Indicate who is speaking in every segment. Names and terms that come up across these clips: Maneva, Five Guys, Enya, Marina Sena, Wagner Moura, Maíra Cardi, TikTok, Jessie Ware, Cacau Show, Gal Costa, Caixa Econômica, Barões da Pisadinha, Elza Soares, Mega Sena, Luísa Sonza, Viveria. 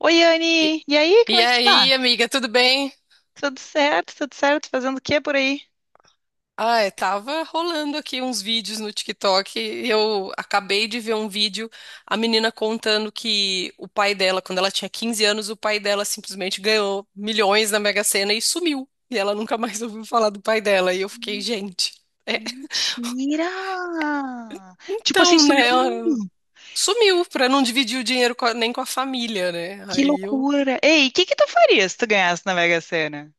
Speaker 1: Oi,
Speaker 2: E,
Speaker 1: Anne! E aí, como
Speaker 2: e
Speaker 1: é que tu tá?
Speaker 2: aí, amiga, tudo bem?
Speaker 1: Tudo certo, tudo certo? Fazendo o que por aí?
Speaker 2: Ah, eu tava rolando aqui uns vídeos no TikTok. Eu acabei de ver um vídeo, a menina contando que o pai dela, quando ela tinha 15 anos, o pai dela simplesmente ganhou milhões na Mega Sena e sumiu. E ela nunca mais ouviu falar do pai dela. E eu fiquei,
Speaker 1: Hum.
Speaker 2: gente, é,
Speaker 1: Mentira! Tipo assim,
Speaker 2: então,
Speaker 1: sumiu
Speaker 2: né?
Speaker 1: o
Speaker 2: ela
Speaker 1: mundo.
Speaker 2: sumiu pra não dividir o dinheiro com nem com a família, né?
Speaker 1: Que
Speaker 2: Aí eu
Speaker 1: loucura! Ei, o que que tu faria se tu ganhasse na Mega Sena?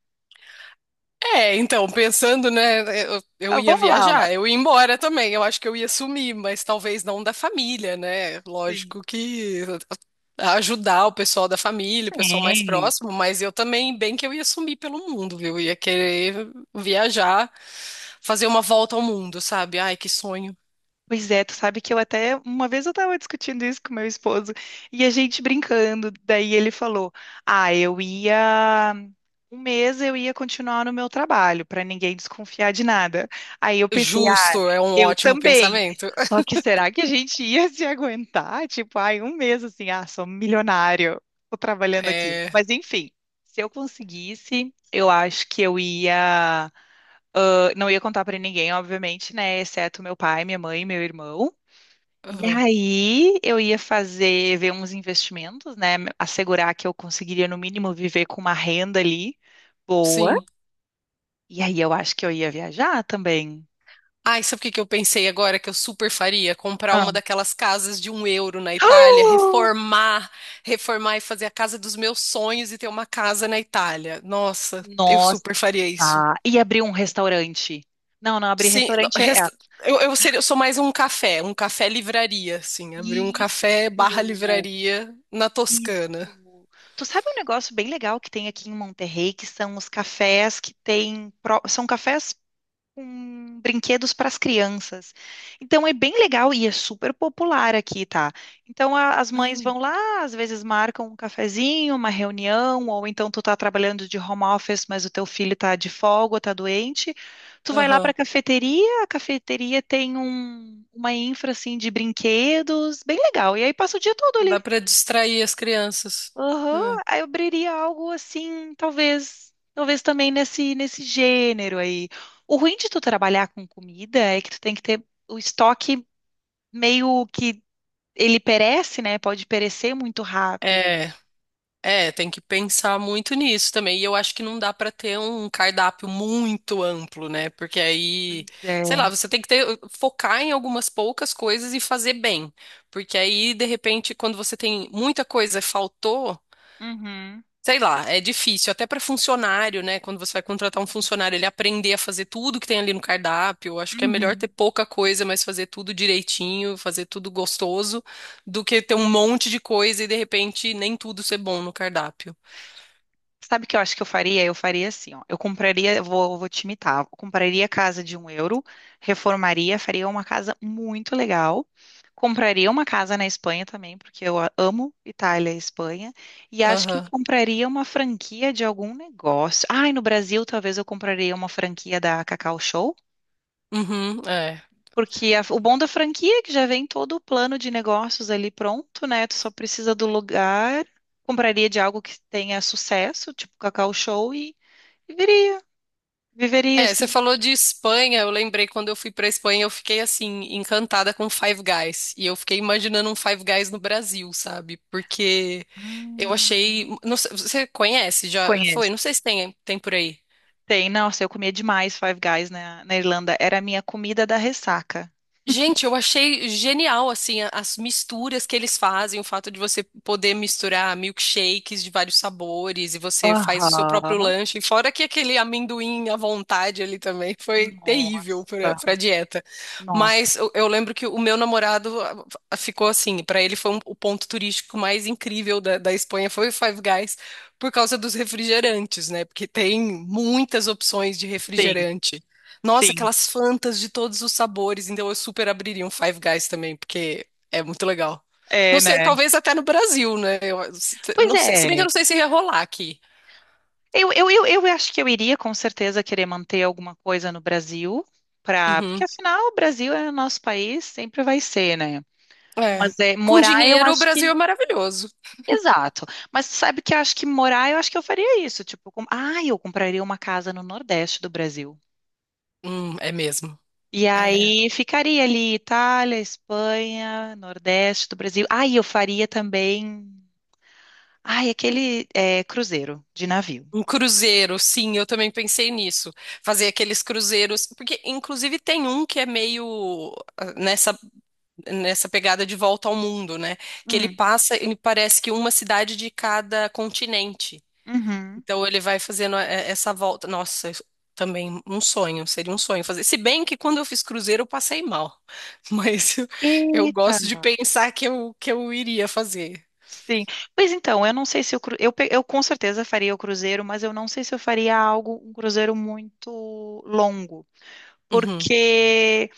Speaker 2: É, então, pensando, né, eu
Speaker 1: Ah,
Speaker 2: ia
Speaker 1: vamos lá, ó.
Speaker 2: viajar, eu ia embora também, eu acho que eu ia sumir, mas talvez não da família, né?
Speaker 1: Sim.
Speaker 2: Lógico que ajudar o pessoal da família, o pessoal mais
Speaker 1: Sim.
Speaker 2: próximo, mas eu também, bem que eu ia sumir pelo mundo, viu? Eu ia querer viajar, fazer uma volta ao mundo, sabe? Ai, que sonho.
Speaker 1: Pois é, tu sabe que eu até, uma vez eu tava discutindo isso com meu esposo, e a gente brincando, daí ele falou, ah, um mês eu ia continuar no meu trabalho, pra ninguém desconfiar de nada. Aí eu pensei, ah,
Speaker 2: Justo, é um
Speaker 1: eu
Speaker 2: ótimo
Speaker 1: também.
Speaker 2: pensamento.
Speaker 1: Só que será que a gente ia se aguentar? Tipo, ai, um mês assim, ah, sou milionário, tô trabalhando aqui.
Speaker 2: É,
Speaker 1: Mas enfim, se eu conseguisse, eu acho que eu ia. Ah, não ia contar pra ninguém, obviamente, né? Exceto meu pai, minha mãe, meu irmão. E
Speaker 2: aham,
Speaker 1: aí eu ia fazer, ver uns investimentos, né? Assegurar que eu conseguiria, no mínimo, viver com uma renda ali boa.
Speaker 2: sim.
Speaker 1: E aí eu acho que eu ia viajar também.
Speaker 2: Ai, sabe o que que eu pensei agora que eu super faria? Comprar
Speaker 1: Ah.
Speaker 2: uma daquelas casas de €1 na Itália,
Speaker 1: Ah!
Speaker 2: reformar, reformar e fazer a casa dos meus sonhos e ter uma casa na Itália. Nossa, eu
Speaker 1: Nossa!
Speaker 2: super faria isso.
Speaker 1: E abrir um restaurante. Não, não, abrir
Speaker 2: Sim, não,
Speaker 1: restaurante é,
Speaker 2: eu, eu sou mais um café livraria, assim, abrir um
Speaker 1: Isso!
Speaker 2: café barra livraria na
Speaker 1: Isso.
Speaker 2: Toscana.
Speaker 1: Tu sabe um negócio bem legal que tem aqui em Monterrey, que são os cafés que tem, são cafés com brinquedos para as crianças. Então é bem legal e é super popular aqui, tá? Então as mães vão lá, às vezes marcam um cafezinho, uma reunião, ou então tu tá trabalhando de home office, mas o teu filho tá de folga, tá doente. Tu vai lá para
Speaker 2: Aham,
Speaker 1: a cafeteria tem uma infra assim de brinquedos, bem legal. E aí passa o dia todo ali.
Speaker 2: dá pra distrair as crianças.
Speaker 1: Aham,
Speaker 2: Hum.
Speaker 1: aí eu abriria algo assim, talvez também nesse gênero aí. O ruim de tu trabalhar com comida é que tu tem que ter o estoque meio que ele perece, né? Pode perecer muito rápido.
Speaker 2: É. É, tem que pensar muito nisso também. E eu acho que não dá pra ter um cardápio muito amplo, né? Porque aí,
Speaker 1: Pois é.
Speaker 2: sei lá, você tem que ter, focar em algumas poucas coisas e fazer bem. Porque aí, de repente, quando você tem muita coisa, e faltou,
Speaker 1: Uhum,
Speaker 2: sei lá, é difícil. Até pra funcionário, né? Quando você vai contratar um funcionário, ele aprender a fazer tudo que tem ali no cardápio. Eu acho que é melhor ter
Speaker 1: uhum.
Speaker 2: pouca coisa, mas fazer tudo direitinho, fazer tudo gostoso, do que ter um monte de coisa e, de repente, nem tudo ser bom no cardápio.
Speaker 1: Sabe o que eu acho que eu faria? Eu faria assim, ó. Eu compraria, eu vou te imitar. Eu compraria a casa de 1 euro, reformaria, faria uma casa muito legal. Compraria uma casa na Espanha também, porque eu amo Itália e Espanha. E acho que eu
Speaker 2: Aham.
Speaker 1: compraria uma franquia de algum negócio. Ai, no Brasil, talvez eu compraria uma franquia da Cacau Show.
Speaker 2: Uhum, é.
Speaker 1: Porque o bom da franquia é que já vem todo o plano de negócios ali pronto, né? Tu só precisa do lugar. Compraria de algo que tenha sucesso, tipo Cacau Show. Viveria, viveria
Speaker 2: É, você
Speaker 1: assim.
Speaker 2: falou de Espanha, eu lembrei quando eu fui pra Espanha, eu fiquei assim, encantada com Five Guys. E eu fiquei imaginando um Five Guys no Brasil, sabe? Porque eu
Speaker 1: Hum,
Speaker 2: achei. Não sei- você conhece? Já, já foi?
Speaker 1: conheço.
Speaker 2: Não sei se tem, por aí.
Speaker 1: Tem, nossa, eu comia demais Five Guys na Irlanda. Era a minha comida da ressaca.
Speaker 2: Gente, eu achei genial, assim, as misturas que eles fazem, o fato de você poder misturar milkshakes de vários sabores e você faz o seu próprio
Speaker 1: Aham.
Speaker 2: lanche, fora que aquele amendoim à vontade ali também foi terrível
Speaker 1: Nossa,
Speaker 2: pra, pra dieta.
Speaker 1: nossa.
Speaker 2: Mas eu, eu lembro que o meu namorado ficou assim, pra ele foi o ponto turístico mais incrível da, da Espanha foi o Five Guys, por causa dos refrigerantes, né? Porque tem muitas opções de
Speaker 1: Sim,
Speaker 2: refrigerante. Nossa,
Speaker 1: sim.
Speaker 2: aquelas Fantas de todos os sabores. Então eu super abriria um Five Guys também, porque é muito legal. Não
Speaker 1: É,
Speaker 2: sei,
Speaker 1: né?
Speaker 2: talvez até no Brasil, né? Eu,
Speaker 1: Pois
Speaker 2: não sei, se bem que eu
Speaker 1: é.
Speaker 2: não sei se ia rolar aqui.
Speaker 1: Eu acho que eu iria com certeza querer manter alguma coisa no Brasil, porque
Speaker 2: Uhum.
Speaker 1: afinal o Brasil é o nosso país, sempre vai ser, né?
Speaker 2: É.
Speaker 1: Mas é,
Speaker 2: Com
Speaker 1: morar eu
Speaker 2: dinheiro, o
Speaker 1: acho que.
Speaker 2: Brasil é maravilhoso.
Speaker 1: Exato. Mas sabe que eu acho que morar, eu acho que eu faria isso. Tipo, ah, eu compraria uma casa no Nordeste do Brasil.
Speaker 2: É mesmo.
Speaker 1: E
Speaker 2: É.
Speaker 1: aí ficaria ali Itália, Espanha, Nordeste do Brasil. Ah, e eu faria também. Ai, aquele cruzeiro de navio.
Speaker 2: Um cruzeiro, sim, eu também pensei nisso. Fazer aqueles cruzeiros, porque inclusive tem um que é meio nessa pegada de volta ao mundo, né? Que ele
Speaker 1: Hum,
Speaker 2: passa, ele parece que uma cidade de cada continente.
Speaker 1: uhum.
Speaker 2: Então ele vai fazendo essa volta. Nossa, isso também um sonho, seria um sonho fazer. Se bem que quando eu fiz cruzeiro eu passei mal, mas eu, eu
Speaker 1: Eita.
Speaker 2: gosto de pensar que eu, que eu iria fazer.
Speaker 1: Sim. Pois então, eu não sei se eu com certeza faria o cruzeiro, mas eu não sei se eu faria algo, um cruzeiro muito longo.
Speaker 2: Uhum.
Speaker 1: Porque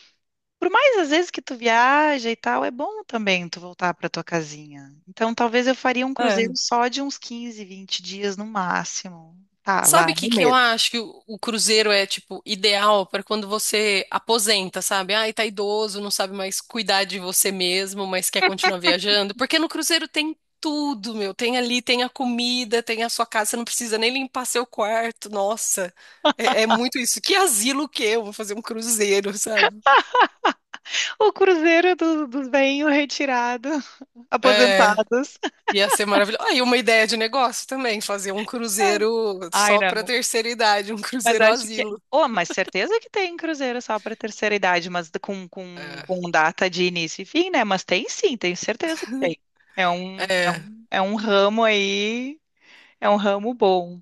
Speaker 1: Por mais às vezes que tu viaja e tal, é bom também tu voltar para tua casinha. Então, talvez eu faria um
Speaker 2: É,
Speaker 1: cruzeiro só de uns 15, 20 dias no máximo. Tá, vai,
Speaker 2: sabe o que
Speaker 1: um
Speaker 2: que eu
Speaker 1: mês.
Speaker 2: acho que o cruzeiro é, tipo, ideal para quando você aposenta, sabe? Ai, tá idoso, não sabe mais cuidar de você mesmo, mas quer continuar viajando. Porque no cruzeiro tem tudo, meu. Tem ali, tem a comida, tem a sua casa, você não precisa nem limpar seu quarto. Nossa, é, é muito isso. Que asilo que eu vou fazer um cruzeiro, sabe?
Speaker 1: O cruzeiro dos bem retirados,
Speaker 2: É,
Speaker 1: aposentados.
Speaker 2: ia ser maravilhoso. Aí, uma ideia de negócio também, fazer um cruzeiro
Speaker 1: Ai,
Speaker 2: só
Speaker 1: não.
Speaker 2: para terceira idade, um
Speaker 1: Mas
Speaker 2: cruzeiro
Speaker 1: acho que.
Speaker 2: asilo.
Speaker 1: Oh, mas certeza que tem cruzeiro só para terceira idade, mas com, com,
Speaker 2: É.
Speaker 1: com data de início e fim, né? Mas tem sim, tenho certeza que tem. É um, é
Speaker 2: É.
Speaker 1: um, é um ramo aí, é um ramo bom.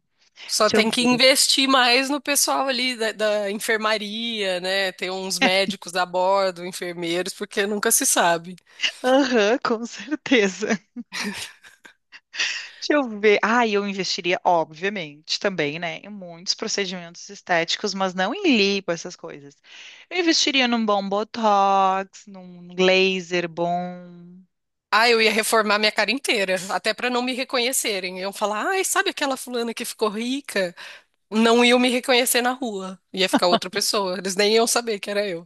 Speaker 2: Só tem que investir mais no pessoal ali da, da enfermaria, né? Ter uns médicos a bordo, enfermeiros, porque nunca se sabe.
Speaker 1: Aham, com certeza. Deixa eu ver. Ah, eu investiria, obviamente, também, né, em muitos procedimentos estéticos, mas não em lipo, essas coisas. Eu investiria num bom botox, num laser bom.
Speaker 2: Ah, eu ia reformar minha cara inteira, até para não me reconhecerem. Iam falar, ai, sabe aquela fulana que ficou rica? Não iam me reconhecer na rua. Ia ficar outra pessoa. Eles nem iam saber que era eu.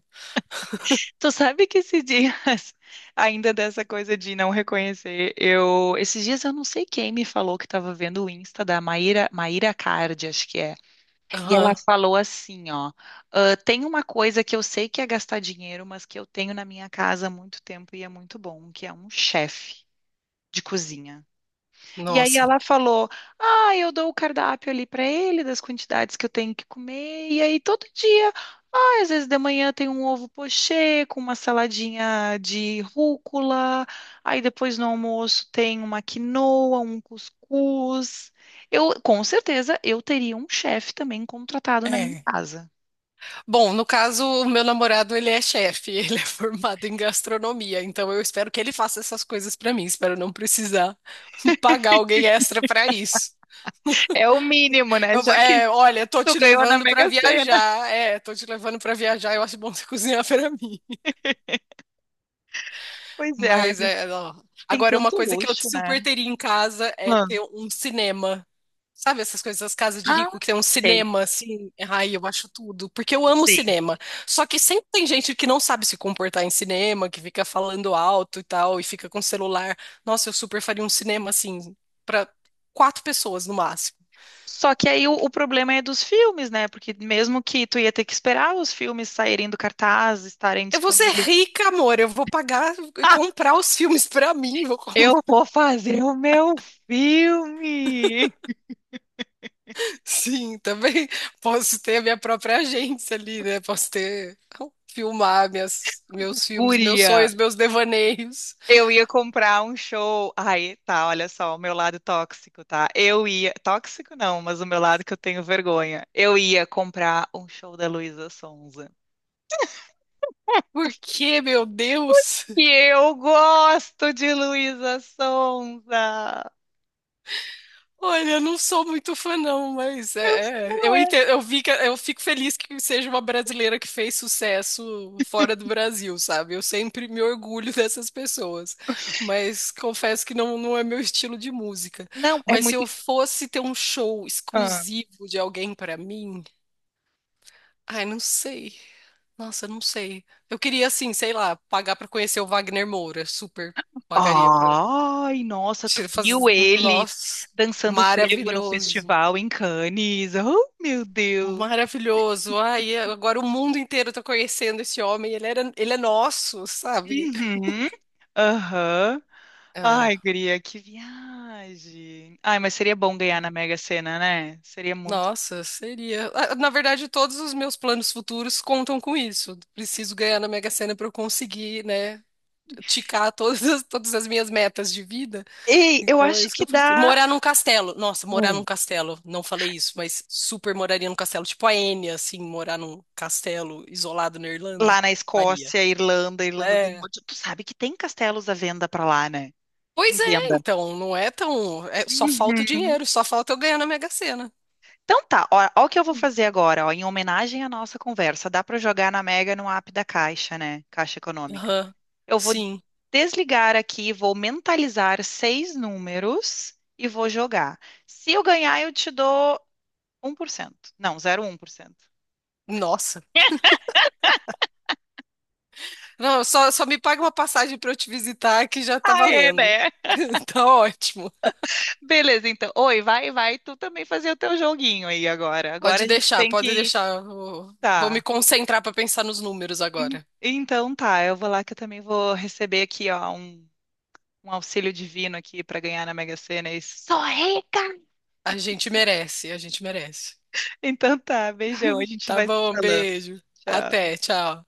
Speaker 1: Tu sabe que esses dias, ainda dessa coisa de não reconhecer, esses dias eu não sei quem me falou que estava vendo o Insta da Maíra, Maíra Cardi, acho que é. E ela
Speaker 2: Aham,
Speaker 1: falou assim, ó, "Ah, tem uma coisa que eu sei que é gastar dinheiro, mas que eu tenho na minha casa há muito tempo e é muito bom, que é um chefe de cozinha. E aí
Speaker 2: nossa.
Speaker 1: ela falou: Ah, eu dou o cardápio ali para ele, das quantidades que eu tenho que comer. E aí todo dia, ah, às vezes de manhã tem um ovo pochê com uma saladinha de rúcula. Aí depois no almoço tem uma quinoa, um cuscuz. Eu, com certeza, eu teria um chefe também contratado na minha
Speaker 2: É.
Speaker 1: casa.
Speaker 2: Bom, no caso, o meu namorado, ele é chefe, ele é formado em gastronomia, então eu espero que ele faça essas coisas pra mim, espero não precisar pagar alguém extra pra isso.
Speaker 1: É o mínimo, né? Já que
Speaker 2: É, olha, tô
Speaker 1: tu
Speaker 2: te
Speaker 1: ganhou na
Speaker 2: levando pra
Speaker 1: Mega Sena.
Speaker 2: viajar, é, tô te levando pra viajar, eu acho bom você cozinhar pra mim.
Speaker 1: Pois é, ai,
Speaker 2: Mas
Speaker 1: mas
Speaker 2: é. Ó.
Speaker 1: tem
Speaker 2: Agora, uma
Speaker 1: tanto
Speaker 2: coisa que eu
Speaker 1: luxo, né?
Speaker 2: super teria em casa é
Speaker 1: Ah,
Speaker 2: ter um cinema. Sabe essas coisas, as casas de
Speaker 1: Ah,
Speaker 2: rico que tem um
Speaker 1: sei.
Speaker 2: cinema, assim, ai, eu acho tudo, porque eu amo cinema. Só que sempre tem gente que não sabe se comportar em cinema, que fica falando alto e tal, e fica com celular. Nossa, eu super faria um cinema, assim, pra quatro pessoas no máximo.
Speaker 1: Só que aí o problema é dos filmes, né? Porque mesmo que tu ia ter que esperar os filmes saírem do cartaz, estarem
Speaker 2: Eu vou ser
Speaker 1: disponíveis.
Speaker 2: rica, amor, eu vou pagar, e
Speaker 1: Ah,
Speaker 2: comprar os filmes pra mim, vou
Speaker 1: eu vou fazer o meu filme!
Speaker 2: Sim, também posso ter a minha própria agência ali, né? Posso ter, ah, filmar minhas, meus filmes, meus
Speaker 1: Guria,
Speaker 2: sonhos, meus devaneios.
Speaker 1: eu ia comprar um show. Aí, tá, olha só, o meu lado tóxico, tá? Eu ia. Tóxico não, mas o meu lado que eu tenho vergonha. Eu ia comprar um show da Luísa Sonza.
Speaker 2: Por que, meu Deus?
Speaker 1: E eu gosto de Luísa Sonza!
Speaker 2: Olha, eu não sou muito fã, não, mas
Speaker 1: Eu- não
Speaker 2: eu
Speaker 1: é.
Speaker 2: entendo, eu vi eu fico feliz que seja uma brasileira que fez sucesso fora do Brasil, sabe? Eu sempre me orgulho dessas pessoas, mas confesso que não, não é meu estilo de música.
Speaker 1: Não, é
Speaker 2: Mas se
Speaker 1: muito.
Speaker 2: eu fosse ter um show exclusivo de alguém pra mim, ai, não sei. Nossa, não sei. Eu queria, assim, sei lá, pagar pra conhecer o Wagner Moura. Super pagaria pra
Speaker 1: Ai, nossa, tu
Speaker 2: te
Speaker 1: viu
Speaker 2: fazer.
Speaker 1: ele
Speaker 2: Nossa,
Speaker 1: dançando frevo no
Speaker 2: maravilhoso.
Speaker 1: festival em Cannes? Oh, meu Deus.
Speaker 2: Maravilhoso. Ai, agora o mundo inteiro tá conhecendo esse homem. Ele é nosso, sabe?
Speaker 1: Uhum. Aham. Ai,
Speaker 2: Ah,
Speaker 1: guria, que viagem. Ai, mas seria bom ganhar na Mega Sena, né? Seria muito.
Speaker 2: nossa, seria. Ah, na verdade, todos os meus planos futuros contam com isso. Preciso ganhar na Mega Sena pra eu conseguir, né, ticar todas as minhas metas de vida.
Speaker 1: Ei, eu
Speaker 2: Então é
Speaker 1: acho
Speaker 2: isso que
Speaker 1: que
Speaker 2: eu preciso.
Speaker 1: dá.
Speaker 2: Morar num castelo. Nossa, morar num
Speaker 1: Hum.
Speaker 2: castelo. Não falei isso, mas super moraria num castelo. Tipo a Enya, assim, morar num castelo isolado na Irlanda.
Speaker 1: Lá na
Speaker 2: Faria.
Speaker 1: Escócia, Irlanda, Irlanda do
Speaker 2: É.
Speaker 1: Norte. Tu sabe que tem castelos à venda pra lá, né? Em
Speaker 2: Pois é,
Speaker 1: venda.
Speaker 2: então. Não é tão. Só falta o
Speaker 1: Uhum.
Speaker 2: dinheiro, só falta eu ganhar na Mega Sena.
Speaker 1: Então tá, ó, ó o que eu vou fazer agora, ó, em homenagem à nossa conversa. Dá para jogar na Mega no app da Caixa, né? Caixa Econômica.
Speaker 2: Aham.
Speaker 1: Eu vou
Speaker 2: Sim.
Speaker 1: desligar aqui, vou mentalizar seis números e vou jogar. Se eu ganhar, eu te dou 1%. Não, 0,1%.
Speaker 2: Nossa. Não, só me paga uma passagem pra eu te visitar que já tá
Speaker 1: Ah, é,
Speaker 2: valendo.
Speaker 1: né?
Speaker 2: Tá ótimo.
Speaker 1: Beleza, então. Oi, vai, vai, tu também fazer o teu joguinho aí agora. Agora
Speaker 2: Pode
Speaker 1: a gente
Speaker 2: deixar,
Speaker 1: tem
Speaker 2: pode
Speaker 1: que.
Speaker 2: deixar. Eu vou me
Speaker 1: Tá.
Speaker 2: concentrar pra pensar nos números agora.
Speaker 1: Então tá, eu vou lá que eu também vou receber aqui, ó, um auxílio divino aqui para ganhar na Mega Sena e sou rica!
Speaker 2: A gente merece, a gente merece.
Speaker 1: Então tá, beijão, a gente
Speaker 2: Tá
Speaker 1: vai se
Speaker 2: bom,
Speaker 1: falando.
Speaker 2: beijo.
Speaker 1: Tchau.
Speaker 2: Até, tchau.